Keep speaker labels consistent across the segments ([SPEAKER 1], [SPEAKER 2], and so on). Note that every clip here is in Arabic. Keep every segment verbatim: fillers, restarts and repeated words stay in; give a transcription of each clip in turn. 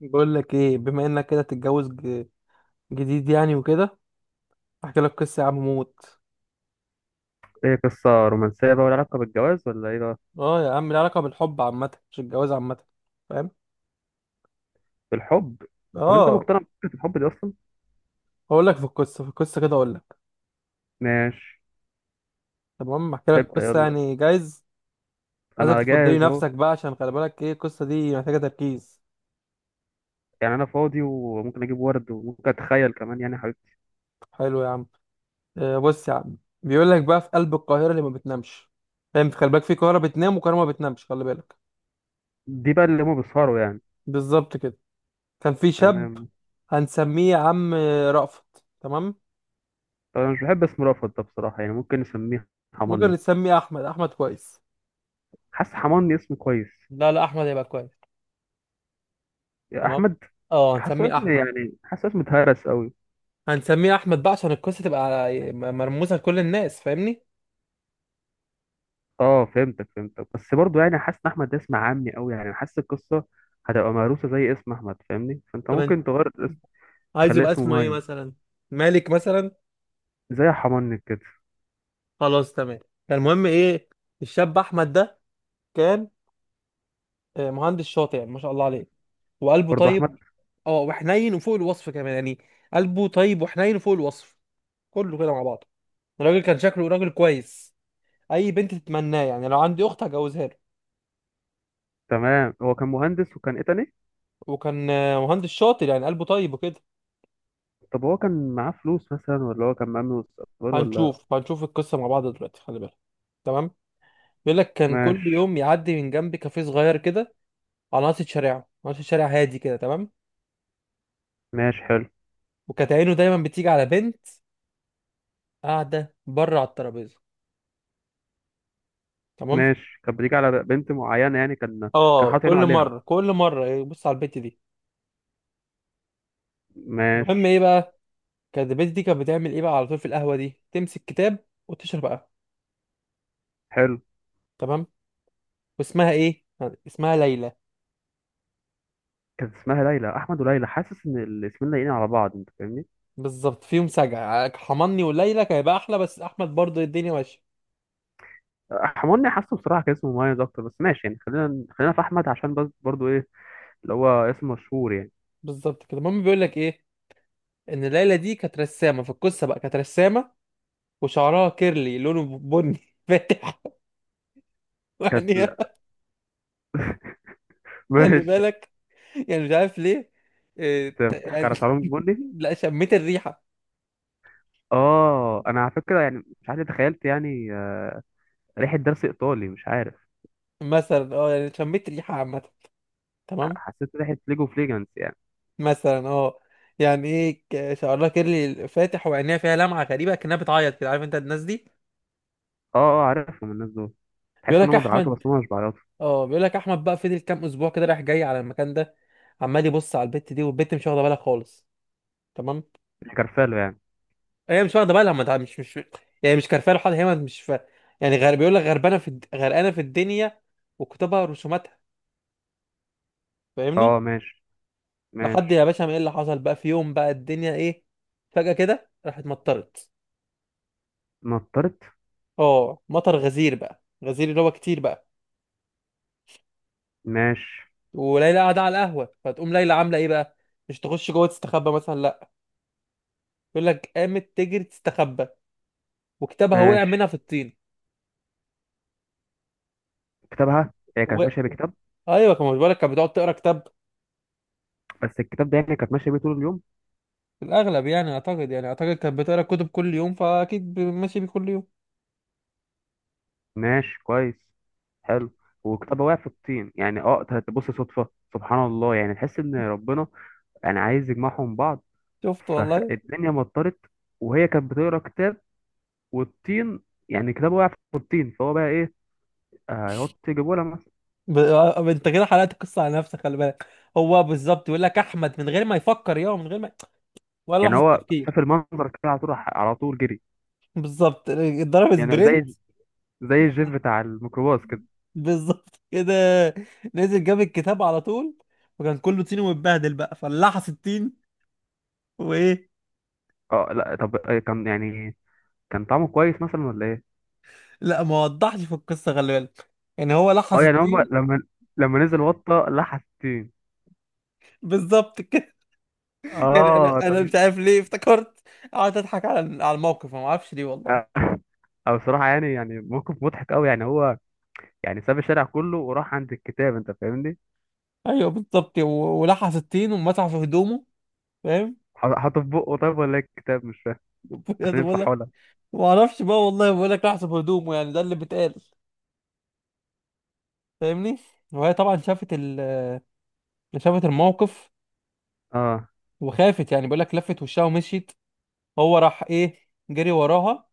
[SPEAKER 1] بقول لك ايه، بما انك كده تتجوز ج- جديد يعني وكده. احكي لك قصه يا عم موت.
[SPEAKER 2] ايه قصة رومانسية بقى، ولا علاقة بالجواز، ولا ايه بقى؟
[SPEAKER 1] اه يا عم، لها علاقه بالحب عامه، مش الجواز عامه، فاهم؟
[SPEAKER 2] بالحب. طب انت
[SPEAKER 1] اه،
[SPEAKER 2] مقتنع بفكرة الحب دي اصلا؟
[SPEAKER 1] هقول لك في القصه في القصه كده اقول لك.
[SPEAKER 2] ماشي.
[SPEAKER 1] تمام، احكي لك
[SPEAKER 2] ابدأ
[SPEAKER 1] قصه
[SPEAKER 2] يلا.
[SPEAKER 1] يعني جايز. عايزك
[SPEAKER 2] انا
[SPEAKER 1] تفضلي
[SPEAKER 2] جاهز اهو.
[SPEAKER 1] نفسك بقى، عشان خلي بالك ايه؟ القصه دي محتاجه تركيز.
[SPEAKER 2] يعني انا فاضي وممكن اجيب ورد وممكن اتخيل كمان يعني حاجات.
[SPEAKER 1] حلو يا عم. آه بص يا عم. بيقول لك بقى، في قلب القاهره اللي ما بتنامش. فاهم؟ خلي بالك، في قاهره بتنام وقاهره ما بتنامش، خلي بالك.
[SPEAKER 2] دي بقى اللي هما
[SPEAKER 1] مم.
[SPEAKER 2] بيسهروا يعني.
[SPEAKER 1] بالظبط كده. كان في شاب.
[SPEAKER 2] تمام.
[SPEAKER 1] هنسميه يا عم رأفت، تمام؟
[SPEAKER 2] طب انا مش بحب اسم رأفت ده بصراحة، يعني ممكن نسميه
[SPEAKER 1] ممكن
[SPEAKER 2] حماني.
[SPEAKER 1] نسميه احمد، احمد كويس.
[SPEAKER 2] حاسس حماني اسم كويس.
[SPEAKER 1] لا، لا، احمد هيبقى كويس.
[SPEAKER 2] يا
[SPEAKER 1] تمام.
[SPEAKER 2] احمد.
[SPEAKER 1] اه،
[SPEAKER 2] حاسه
[SPEAKER 1] هنسميه
[SPEAKER 2] اسم
[SPEAKER 1] احمد.
[SPEAKER 2] يعني حاسه اسم اتهرس قوي.
[SPEAKER 1] هنسميه احمد بقى عشان القصه تبقى مرموزه لكل الناس، فاهمني؟
[SPEAKER 2] اه فهمتك فهمتك، بس برضه يعني حاسس ان احمد ده اسم عامي قوي، يعني حاسس القصة هتبقى مهروسة زي اسم احمد، فاهمني؟ فانت
[SPEAKER 1] طب انت
[SPEAKER 2] ممكن تغير.
[SPEAKER 1] عايز
[SPEAKER 2] خليه
[SPEAKER 1] يبقى
[SPEAKER 2] اسمه
[SPEAKER 1] اسمه ايه
[SPEAKER 2] مايلز.
[SPEAKER 1] مثلا؟ مالك مثلا.
[SPEAKER 2] زي حمانك كده.
[SPEAKER 1] خلاص تمام. فالمهم ايه؟ الشاب احمد ده كان، آه، مهندس شاطر يعني، ما شاء الله عليه. وقلبه
[SPEAKER 2] برضه
[SPEAKER 1] طيب.
[SPEAKER 2] احمد.
[SPEAKER 1] اه، وحنين وفوق الوصف كمان يعني. قلبه طيب وحنين وفوق الوصف. كله كده مع بعضه. الراجل كان شكله راجل كويس. اي بنت تتمناه يعني، لو عندي اخت هجوزها له.
[SPEAKER 2] تمام، هو كان مهندس وكان ايه تاني؟
[SPEAKER 1] وكان آه، مهندس شاطر يعني، قلبه طيب وكده.
[SPEAKER 2] طب هو كان معاه فلوس مثلا، ولا هو كان مأمن مستقبل ولا؟
[SPEAKER 1] هنشوف هنشوف القصة مع بعض دلوقتي، خلي بالك. تمام. بيقول لك كان كل
[SPEAKER 2] ماشي.
[SPEAKER 1] يوم يعدي من جنب كافيه صغير كده، على ناصية شارعه ناصية شارع هادي كده، تمام.
[SPEAKER 2] ماشي حلو.
[SPEAKER 1] وكانت عينه دايما بتيجي على بنت قاعدة بره على الترابيزة، تمام.
[SPEAKER 2] ماشي، كان بيجي على بنت معينة يعني، كان كان
[SPEAKER 1] اه،
[SPEAKER 2] حاطط عينه
[SPEAKER 1] كل
[SPEAKER 2] عليها.
[SPEAKER 1] مرة كل مرة يبص على البنت دي. المهم
[SPEAKER 2] ماشي
[SPEAKER 1] ايه بقى؟ كانت البنت دي كانت بتعمل ايه بقى؟ على طول في القهوة دي تمسك كتاب وتشرب قهوة،
[SPEAKER 2] حلو.
[SPEAKER 1] تمام. واسمها ايه؟ اسمها ليلى.
[SPEAKER 2] كانت اسمها ليلى، احمد وليلى، حاسس ان الاسمين لايقين على بعض، انت فاهمني؟
[SPEAKER 1] بالظبط، فيهم سجع، آه، حماني وليلى كان هيبقى احلى، بس احمد برضه الدنيا ماشيه.
[SPEAKER 2] حماني، حاسه بصراحه كان اسمه مميز اكتر، بس ماشي يعني، خلينا خلينا في احمد عشان بس برضو ايه، اللي هو اسم مشهور يعني.
[SPEAKER 1] بالظبط كده، المهم بيقول لك ايه؟ ان ليلى دي كانت رسامه في القصه بقى، كانت رسامه. وشعرها كيرلي لونه بني فاتح
[SPEAKER 2] كانت
[SPEAKER 1] يعني.
[SPEAKER 2] لا،
[SPEAKER 1] خلي
[SPEAKER 2] ماشي.
[SPEAKER 1] بالك. يعني مش عارف ليه. إيه،
[SPEAKER 2] انت
[SPEAKER 1] ت-
[SPEAKER 2] بتضحك
[SPEAKER 1] يعني.
[SPEAKER 2] على شعرهم بني؟
[SPEAKER 1] لا، شميت الريحه.
[SPEAKER 2] اه انا على فكره يعني مش عارف ليه تخيلت يعني آه، ريحه درس ايطالي، مش عارف.
[SPEAKER 1] مثلا اه يعني شميت ريحه عامه،
[SPEAKER 2] ح-
[SPEAKER 1] تمام.
[SPEAKER 2] حسيت ريحه ليجو فليجانس يعني.
[SPEAKER 1] مثلا اه يعني ايه، ك- شعرها كيرلي فاتح وعينيها فيها لمعه غريبه كانها بتعيط كده، عارف انت الناس دي؟
[SPEAKER 2] اه اه عارفهم الناس دول.
[SPEAKER 1] بيقول
[SPEAKER 2] تحس ان
[SPEAKER 1] لك
[SPEAKER 2] هم بيعيطوا بس
[SPEAKER 1] احمد،
[SPEAKER 2] هم مش بيعيطوا.
[SPEAKER 1] اه بيقول لك احمد بقى، فضل كام اسبوع كده رايح جاي على المكان ده، عمال يبص على البت دي، والبت مش واخده بالها خالص، تمام.
[SPEAKER 2] مش كرفالو يعني.
[SPEAKER 1] هي مش واخده بالها، ما تع- مش مش يعني مش كارفه له حاجه، هي مش ف... يعني غير بيقول لك، غربانه في الد- غرقانه في الدنيا وكتبها رسوماتها،
[SPEAKER 2] اه
[SPEAKER 1] فاهمني؟
[SPEAKER 2] ماشي.
[SPEAKER 1] لحد
[SPEAKER 2] ماشي.
[SPEAKER 1] يا باشا ما، ايه اللي حصل بقى؟ في يوم بقى الدنيا ايه، فجاه كده راحت مطرت.
[SPEAKER 2] نطرت.
[SPEAKER 1] اه، مطر غزير بقى غزير، اللي هو كتير بقى.
[SPEAKER 2] ماشي.
[SPEAKER 1] وليلى قاعده على القهوه، فتقوم ليلى عامله ايه بقى؟ مش تخش جوه تستخبى مثلا، لا. يقول لك قامت تجري تستخبى، وكتابها وقع
[SPEAKER 2] ماشي.
[SPEAKER 1] منها في الطين،
[SPEAKER 2] كتابها، هي
[SPEAKER 1] و...
[SPEAKER 2] كانت ماشيه بكتاب؟
[SPEAKER 1] ايوه، كان مش بالك، كانت بتقعد تقرا كتاب.
[SPEAKER 2] بس الكتاب ده يعني كانت ماشيه بيه طول اليوم؟
[SPEAKER 1] في الاغلب يعني، اعتقد يعني اعتقد كانت بتقرا كتب كل يوم، فاكيد ب- ماشي بيه كل يوم.
[SPEAKER 2] ماشي كويس. حلو. وكتابها وقع في الطين يعني، اه تبص صدفه. سبحان الله، يعني تحس ان ربنا يعني عايز يجمعهم بعض.
[SPEAKER 1] شفت والله.
[SPEAKER 2] فالدنيا مطرت وهي كانت بتقرا كتاب، والطين، يعني كتابه وقع في الطين، فهو بقى ايه، آه، يقعد يجيبه لها مثلا؟
[SPEAKER 1] ب... آه، انت كده حلقت القصه على نفسك، خلي بالك. هو بالظبط، يقول لك احمد من غير ما يفكر، يا من غير ما، ولا
[SPEAKER 2] يعني
[SPEAKER 1] لحظه
[SPEAKER 2] هو
[SPEAKER 1] تفكير.
[SPEAKER 2] شاف المنظر كده، على طول راح على طول جري.
[SPEAKER 1] بالظبط. ضرب
[SPEAKER 2] يعني
[SPEAKER 1] سبرنت.
[SPEAKER 2] زي زي الجيف بتاع الميكروباص كده.
[SPEAKER 1] بالظبط كده. نزل جاب الكتاب على طول، وكان كله طين ومتبهدل بقى، فلحس الطين وايه.
[SPEAKER 2] اه لا طب، آه، كان يعني كان طعمه كويس مثلا ولا ايه؟
[SPEAKER 1] لا، ما وضحش في القصه، خلي بالك. يعني هو
[SPEAKER 2] اه
[SPEAKER 1] لحس
[SPEAKER 2] يعني هم
[SPEAKER 1] الطين.
[SPEAKER 2] لما، لما نزل وطة لحس الطين.
[SPEAKER 1] بالظبط كده. يعني، انا
[SPEAKER 2] اه طب.
[SPEAKER 1] انا مش عارف ليه افتكرت، قعدت اضحك على على الموقف، ما اعرفش ليه والله.
[SPEAKER 2] آه، او بصراحة يعني، يعني موقف مضحك قوي، يعني هو يعني ساب الشارع كله وراح عند الكتاب، انت فاهمني؟
[SPEAKER 1] ايوه بالظبط، و- ولحس الطين ومسح في هدومه، فاهم؟
[SPEAKER 2] ح- حاطه في بقه طيب، ولا إيه الكتاب، مش فاهم؟ عشان
[SPEAKER 1] بجد بقول لك،
[SPEAKER 2] يمسحه لها؟
[SPEAKER 1] ما اعرفش بقى والله، بقول لك لحس في هدومه، يعني ده اللي بيتقال، فاهمني. وهي طبعا شافت ال... شافت الموقف
[SPEAKER 2] اه
[SPEAKER 1] وخافت. يعني بقول لك لفت وشها ومشيت. هو راح ايه، جري وراها،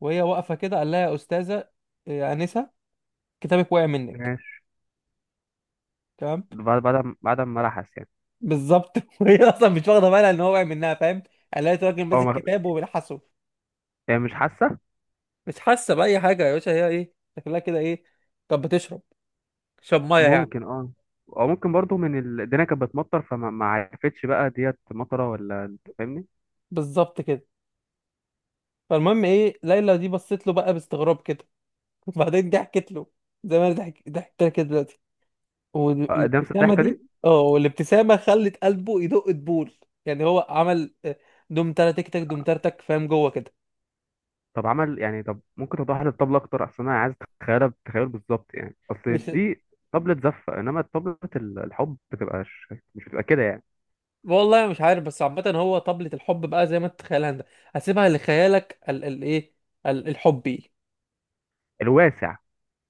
[SPEAKER 1] وهي واقفه كده، قال لها: يا استاذه، يا انسه، كتابك وقع منك،
[SPEAKER 2] ماشي.
[SPEAKER 1] تمام.
[SPEAKER 2] بعد بعد بعد ما لحس يعني؟
[SPEAKER 1] بالظبط وهي اصلا مش واخده بالها ان هو واقع منها، فاهم؟ قالت: راجل
[SPEAKER 2] اه
[SPEAKER 1] ماسك
[SPEAKER 2] ما-
[SPEAKER 1] كتاب وبيلحسه.
[SPEAKER 2] هي مش حاسه.
[SPEAKER 1] مش حاسه باي حاجه يا باشا، هي ايه؟ شكلها كده ايه؟ كانت بتشرب، شرب ميه يعني.
[SPEAKER 2] ممكن اه، او ممكن برضو من ال... الدنيا كانت بتمطر، فما ما عرفتش بقى ديت مطره ولا، انت فاهمني؟
[SPEAKER 1] بالظبط كده. فالمهم ايه، ليلى دي بصت له بقى باستغراب كده وبعدين ضحكت له، زي ما انا ضحك- ضحكت لك كده دلوقتي.
[SPEAKER 2] اه ده نفس
[SPEAKER 1] والابتسامه
[SPEAKER 2] الضحكه دي.
[SPEAKER 1] دي، اه، والابتسامه خلت قلبه يدق دبول. يعني هو عمل، آه، دم ترتك تك دم ترتك، فاهم جوه كده؟
[SPEAKER 2] طب عمل يعني، طب ممكن توضح لي الطبله اكتر، اصل انا عايز اتخيلها، بتخيل بالظبط يعني، اصل
[SPEAKER 1] مش...
[SPEAKER 2] دي طبله زفه، انما طبله ال- الحب بتبقى ش... مش بتبقى كده يعني؟
[SPEAKER 1] والله مش عارف، بس عامة هو طبلة الحب بقى زي ما انت تتخيلها انت، هسيبها لخيالك ال ال ايه، ال الحبي.
[SPEAKER 2] الواسع.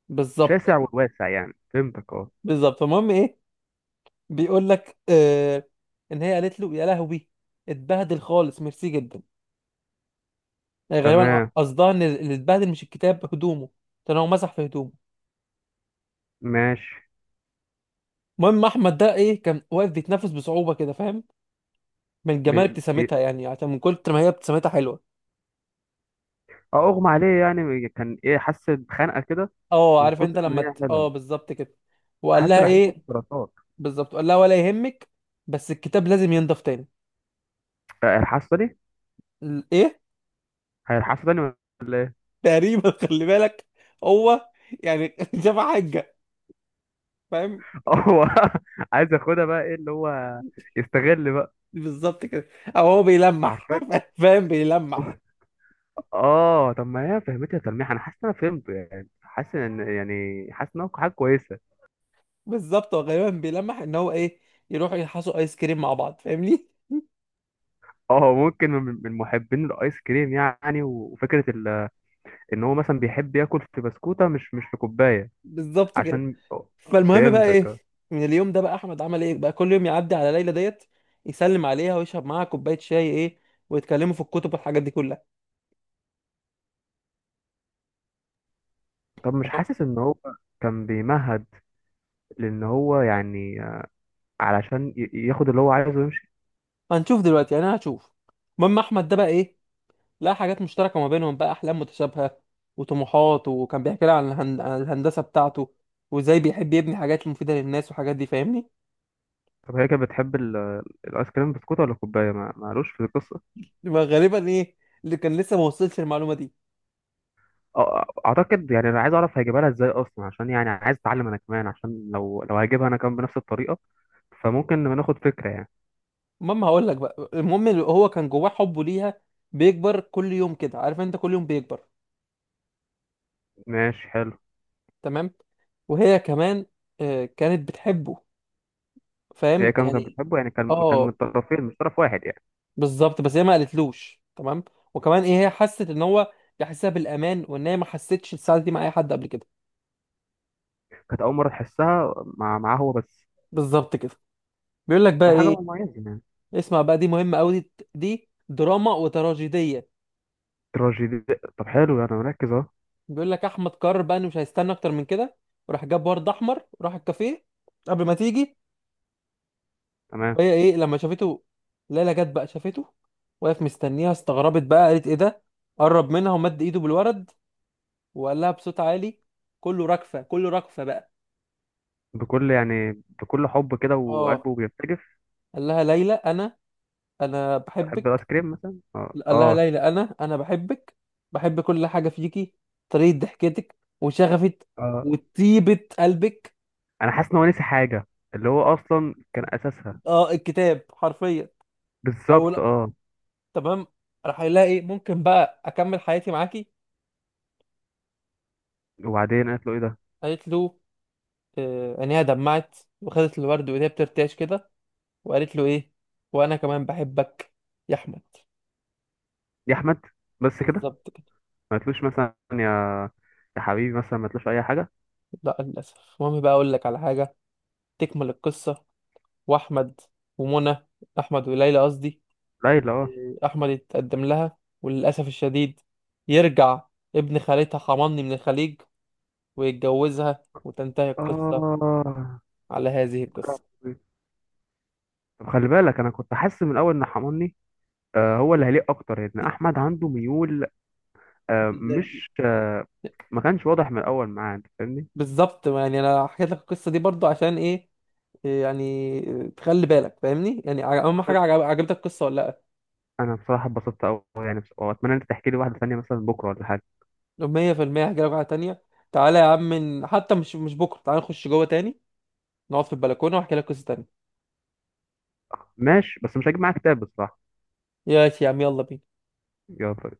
[SPEAKER 1] بالظبط.
[SPEAKER 2] شاسع والواسع يعني، فهمتك اه.
[SPEAKER 1] بالظبط، فالمهم ايه؟ بيقول لك آه ان هي قالت له: يا لهوي، اتبهدل خالص، ميرسي جدا. يعني غالبا
[SPEAKER 2] تمام.
[SPEAKER 1] قصدها ان اللي اتبهدل مش الكتاب، هدومه، كان هو مسح في هدومه.
[SPEAKER 2] ماشي.
[SPEAKER 1] المهم احمد ده ايه، كان واقف بيتنفس بصعوبة كده، فاهم؟ من جمال
[SPEAKER 2] بي... بي...
[SPEAKER 1] ابتسامتها يعني، عشان من كتر ما هي ابتسامتها حلوة.
[SPEAKER 2] اه اغمى عليه يعني، كان ايه، حس بخنقه كده.
[SPEAKER 1] اه،
[SPEAKER 2] من
[SPEAKER 1] عارف انت
[SPEAKER 2] كتر ما
[SPEAKER 1] لما
[SPEAKER 2] هي
[SPEAKER 1] ت- اه
[SPEAKER 2] حلوه.
[SPEAKER 1] بالظبط كده. وقال
[SPEAKER 2] حس
[SPEAKER 1] لها
[SPEAKER 2] باحساس
[SPEAKER 1] ايه؟
[SPEAKER 2] السرطان.
[SPEAKER 1] بالظبط، لا ولا يهمك، بس الكتاب لازم ينضف تاني.
[SPEAKER 2] هيلحسوا تاني.
[SPEAKER 1] ال- ايه؟
[SPEAKER 2] هيلحسوا تاني ولا ايه؟
[SPEAKER 1] تقريبا خلي بالك. هو، يعني شاف حاجه، فاهم؟
[SPEAKER 2] هو عايز ياخدها بقى، ايه اللي هو يستغل بقى؟
[SPEAKER 1] بالظبط كده. او هو بيلمح،
[SPEAKER 2] عارفين.
[SPEAKER 1] فاهم؟ بيلمح.
[SPEAKER 2] اه طب ما هي فهمتها تلميح، انا حاسس ان انا فهمته يعني، حاسس ان يعني حاسس ان هو حاجه كويسه.
[SPEAKER 1] بالظبط، هو غالبا بيلمح ان هو ايه، يروحوا يحصوا ايس كريم مع بعض، فاهمني؟
[SPEAKER 2] اه ممكن من من محبين الايس كريم يعني، وفكره ال- ان هو مثلا بيحب ياكل في بسكوته، مش مش في كوبايه
[SPEAKER 1] بالظبط كده.
[SPEAKER 2] عشان.
[SPEAKER 1] فالمهم بقى
[SPEAKER 2] فهمتك
[SPEAKER 1] ايه؟
[SPEAKER 2] اه.
[SPEAKER 1] من اليوم ده بقى احمد عمل ايه بقى، كل يوم يعدي على ليلى ديت، يسلم عليها ويشرب معاها كوبايه شاي ايه، ويتكلموا في الكتب والحاجات دي كلها،
[SPEAKER 2] طب مش
[SPEAKER 1] تمام.
[SPEAKER 2] حاسس ان هو كان بيمهد، لان هو يعني علشان ي- ياخد اللي هو عايزه ويمشي؟
[SPEAKER 1] هنشوف دلوقتي، يعني انا هشوف. المهم احمد ده بقى ايه، لا حاجات مشتركة ما بينهم بقى، أحلام متشابهة وطموحات، وكان بيحكي لي عن الهن- عن الهندسة بتاعته، وإزاي بيحب يبني حاجات مفيدة للناس والحاجات دي، فاهمني؟
[SPEAKER 2] طب هي كانت بتحب ال- الايس كريم بسكوت ولا كوبايه، ما معلوش في القصه؟
[SPEAKER 1] ما غالبا إيه، اللي كان لسه ما وصلش المعلومة دي.
[SPEAKER 2] أه، اعتقد يعني انا عايز اعرف هيجيبها لها ازاي اصلا، عشان يعني عايز اتعلم انا كمان، عشان لو لو هجيبها انا كمان بنفس الطريقه، فممكن ناخد فكره يعني.
[SPEAKER 1] المهم هقول لك بقى، المهم اللي هو كان جواه حبه ليها بيكبر كل يوم، كده عارف أنت، كل يوم بيكبر،
[SPEAKER 2] ماشي حلو.
[SPEAKER 1] تمام؟ وهي كمان، آه، كانت بتحبه،
[SPEAKER 2] هي
[SPEAKER 1] فاهم
[SPEAKER 2] كمان كانت
[SPEAKER 1] يعني؟
[SPEAKER 2] بتحبه يعني، كان كان من
[SPEAKER 1] اه
[SPEAKER 2] طرفين مش طرف واحد يعني.
[SPEAKER 1] بالظبط، بس هي ما قالتلوش، تمام. وكمان ايه، هي حست ان هو بيحسها بالامان، وان هي ما حستش السعاده دي مع اي حد قبل كده.
[SPEAKER 2] كانت اول مره تحسها مع معاه هو بس.
[SPEAKER 1] بالظبط كده. بيقول لك بقى
[SPEAKER 2] دي حاجه
[SPEAKER 1] ايه،
[SPEAKER 2] مميزه يعني.
[SPEAKER 1] اسمع بقى، دي مهمة قوي، دي دي دراما وتراجيدية.
[SPEAKER 2] تراجيدي. طب حلو يعني، مركز اهو.
[SPEAKER 1] بيقول لك احمد قرر بقى انه مش هيستنى اكتر من كده، وراح جاب ورد احمر، وراح الكافيه قبل ما تيجي.
[SPEAKER 2] تمام.
[SPEAKER 1] وهي ايه لما شافته؟ ليلى جت بقى، شافته واقف مستنيها، استغربت بقى، قالت: ايه ده؟ قرب منها ومد ايده بالورد، وقال لها بصوت عالي، كله رجفة، كله رجفة بقى.
[SPEAKER 2] بكل يعني بكل حب كده،
[SPEAKER 1] اه،
[SPEAKER 2] وقلبه بيرتجف.
[SPEAKER 1] قال لها: ليلى، انا انا
[SPEAKER 2] بحب الايس
[SPEAKER 1] بحبك.
[SPEAKER 2] كريم مثلا، اه
[SPEAKER 1] قال لها:
[SPEAKER 2] اه.
[SPEAKER 1] ليلى، انا انا بحبك، بحب كل حاجه فيكي، طريقه ضحكتك وشغفك
[SPEAKER 2] اه
[SPEAKER 1] وطيبه قلبك.
[SPEAKER 2] انا حاسس ان هو نسي حاجه، اللي هو اصلا كان اساسها.
[SPEAKER 1] اه، الكتاب حرفيا. او
[SPEAKER 2] بالظبط
[SPEAKER 1] لا،
[SPEAKER 2] اه.
[SPEAKER 1] تمام. راح يلاقي ايه، ممكن بقى اكمل حياتي معاكي؟
[SPEAKER 2] وبعدين قالت له ايه ده؟
[SPEAKER 1] قالت له، آه، عينيها دمعت وخدت الورد وهي بترتعش كده، وقالت له ايه، وانا كمان بحبك يا احمد.
[SPEAKER 2] يا احمد، بس كده؟
[SPEAKER 1] بالظبط كده.
[SPEAKER 2] ما قالتلوش مثلا يا، يا حبيبي مثلا، ما قالتلوش اي حاجه؟
[SPEAKER 1] لا للاسف. المهم بقى اقول لك على حاجه، تكمل القصه، واحمد، ومنى، احمد وليلى قصدي،
[SPEAKER 2] ليلى اه.
[SPEAKER 1] احمد يتقدم لها، وللاسف الشديد يرجع ابن خالتها حماني من الخليج ويتجوزها، وتنتهي القصه
[SPEAKER 2] اه
[SPEAKER 1] على هذه القصه.
[SPEAKER 2] طب، خلي بالك انا كنت حاسس من الاول ان حماني، آه هو اللي هيليق اكتر، ان احمد عنده ميول، آه مش آه، ما كانش واضح من الاول معاه، انت فاهمني؟
[SPEAKER 1] بالظبط، يعني انا حكيت لك القصه دي برضو عشان ايه؟ إيه يعني، تخلي بالك، فاهمني؟ يعني، ع- اهم
[SPEAKER 2] عشان
[SPEAKER 1] حاجه، عجب- عجبتك القصه ولا؟
[SPEAKER 2] انا بصراحه اتبسطت قوي يعني، بص- واتمنى انت تحكي لي واحده ثانيه مثلا بكره ولا حاجه.
[SPEAKER 1] لا، مية بالمية هحكي لك واحده تانية. تعالى يا عم، ن- حتى مش مش بكره، تعالى نخش جوه تاني، نقعد في البلكونه واحكي لك قصه تانية.
[SPEAKER 2] ماشي، بس مش هجيب معاك كتاب بصراحه.
[SPEAKER 1] يا عم يلا بينا.
[SPEAKER 2] يلا.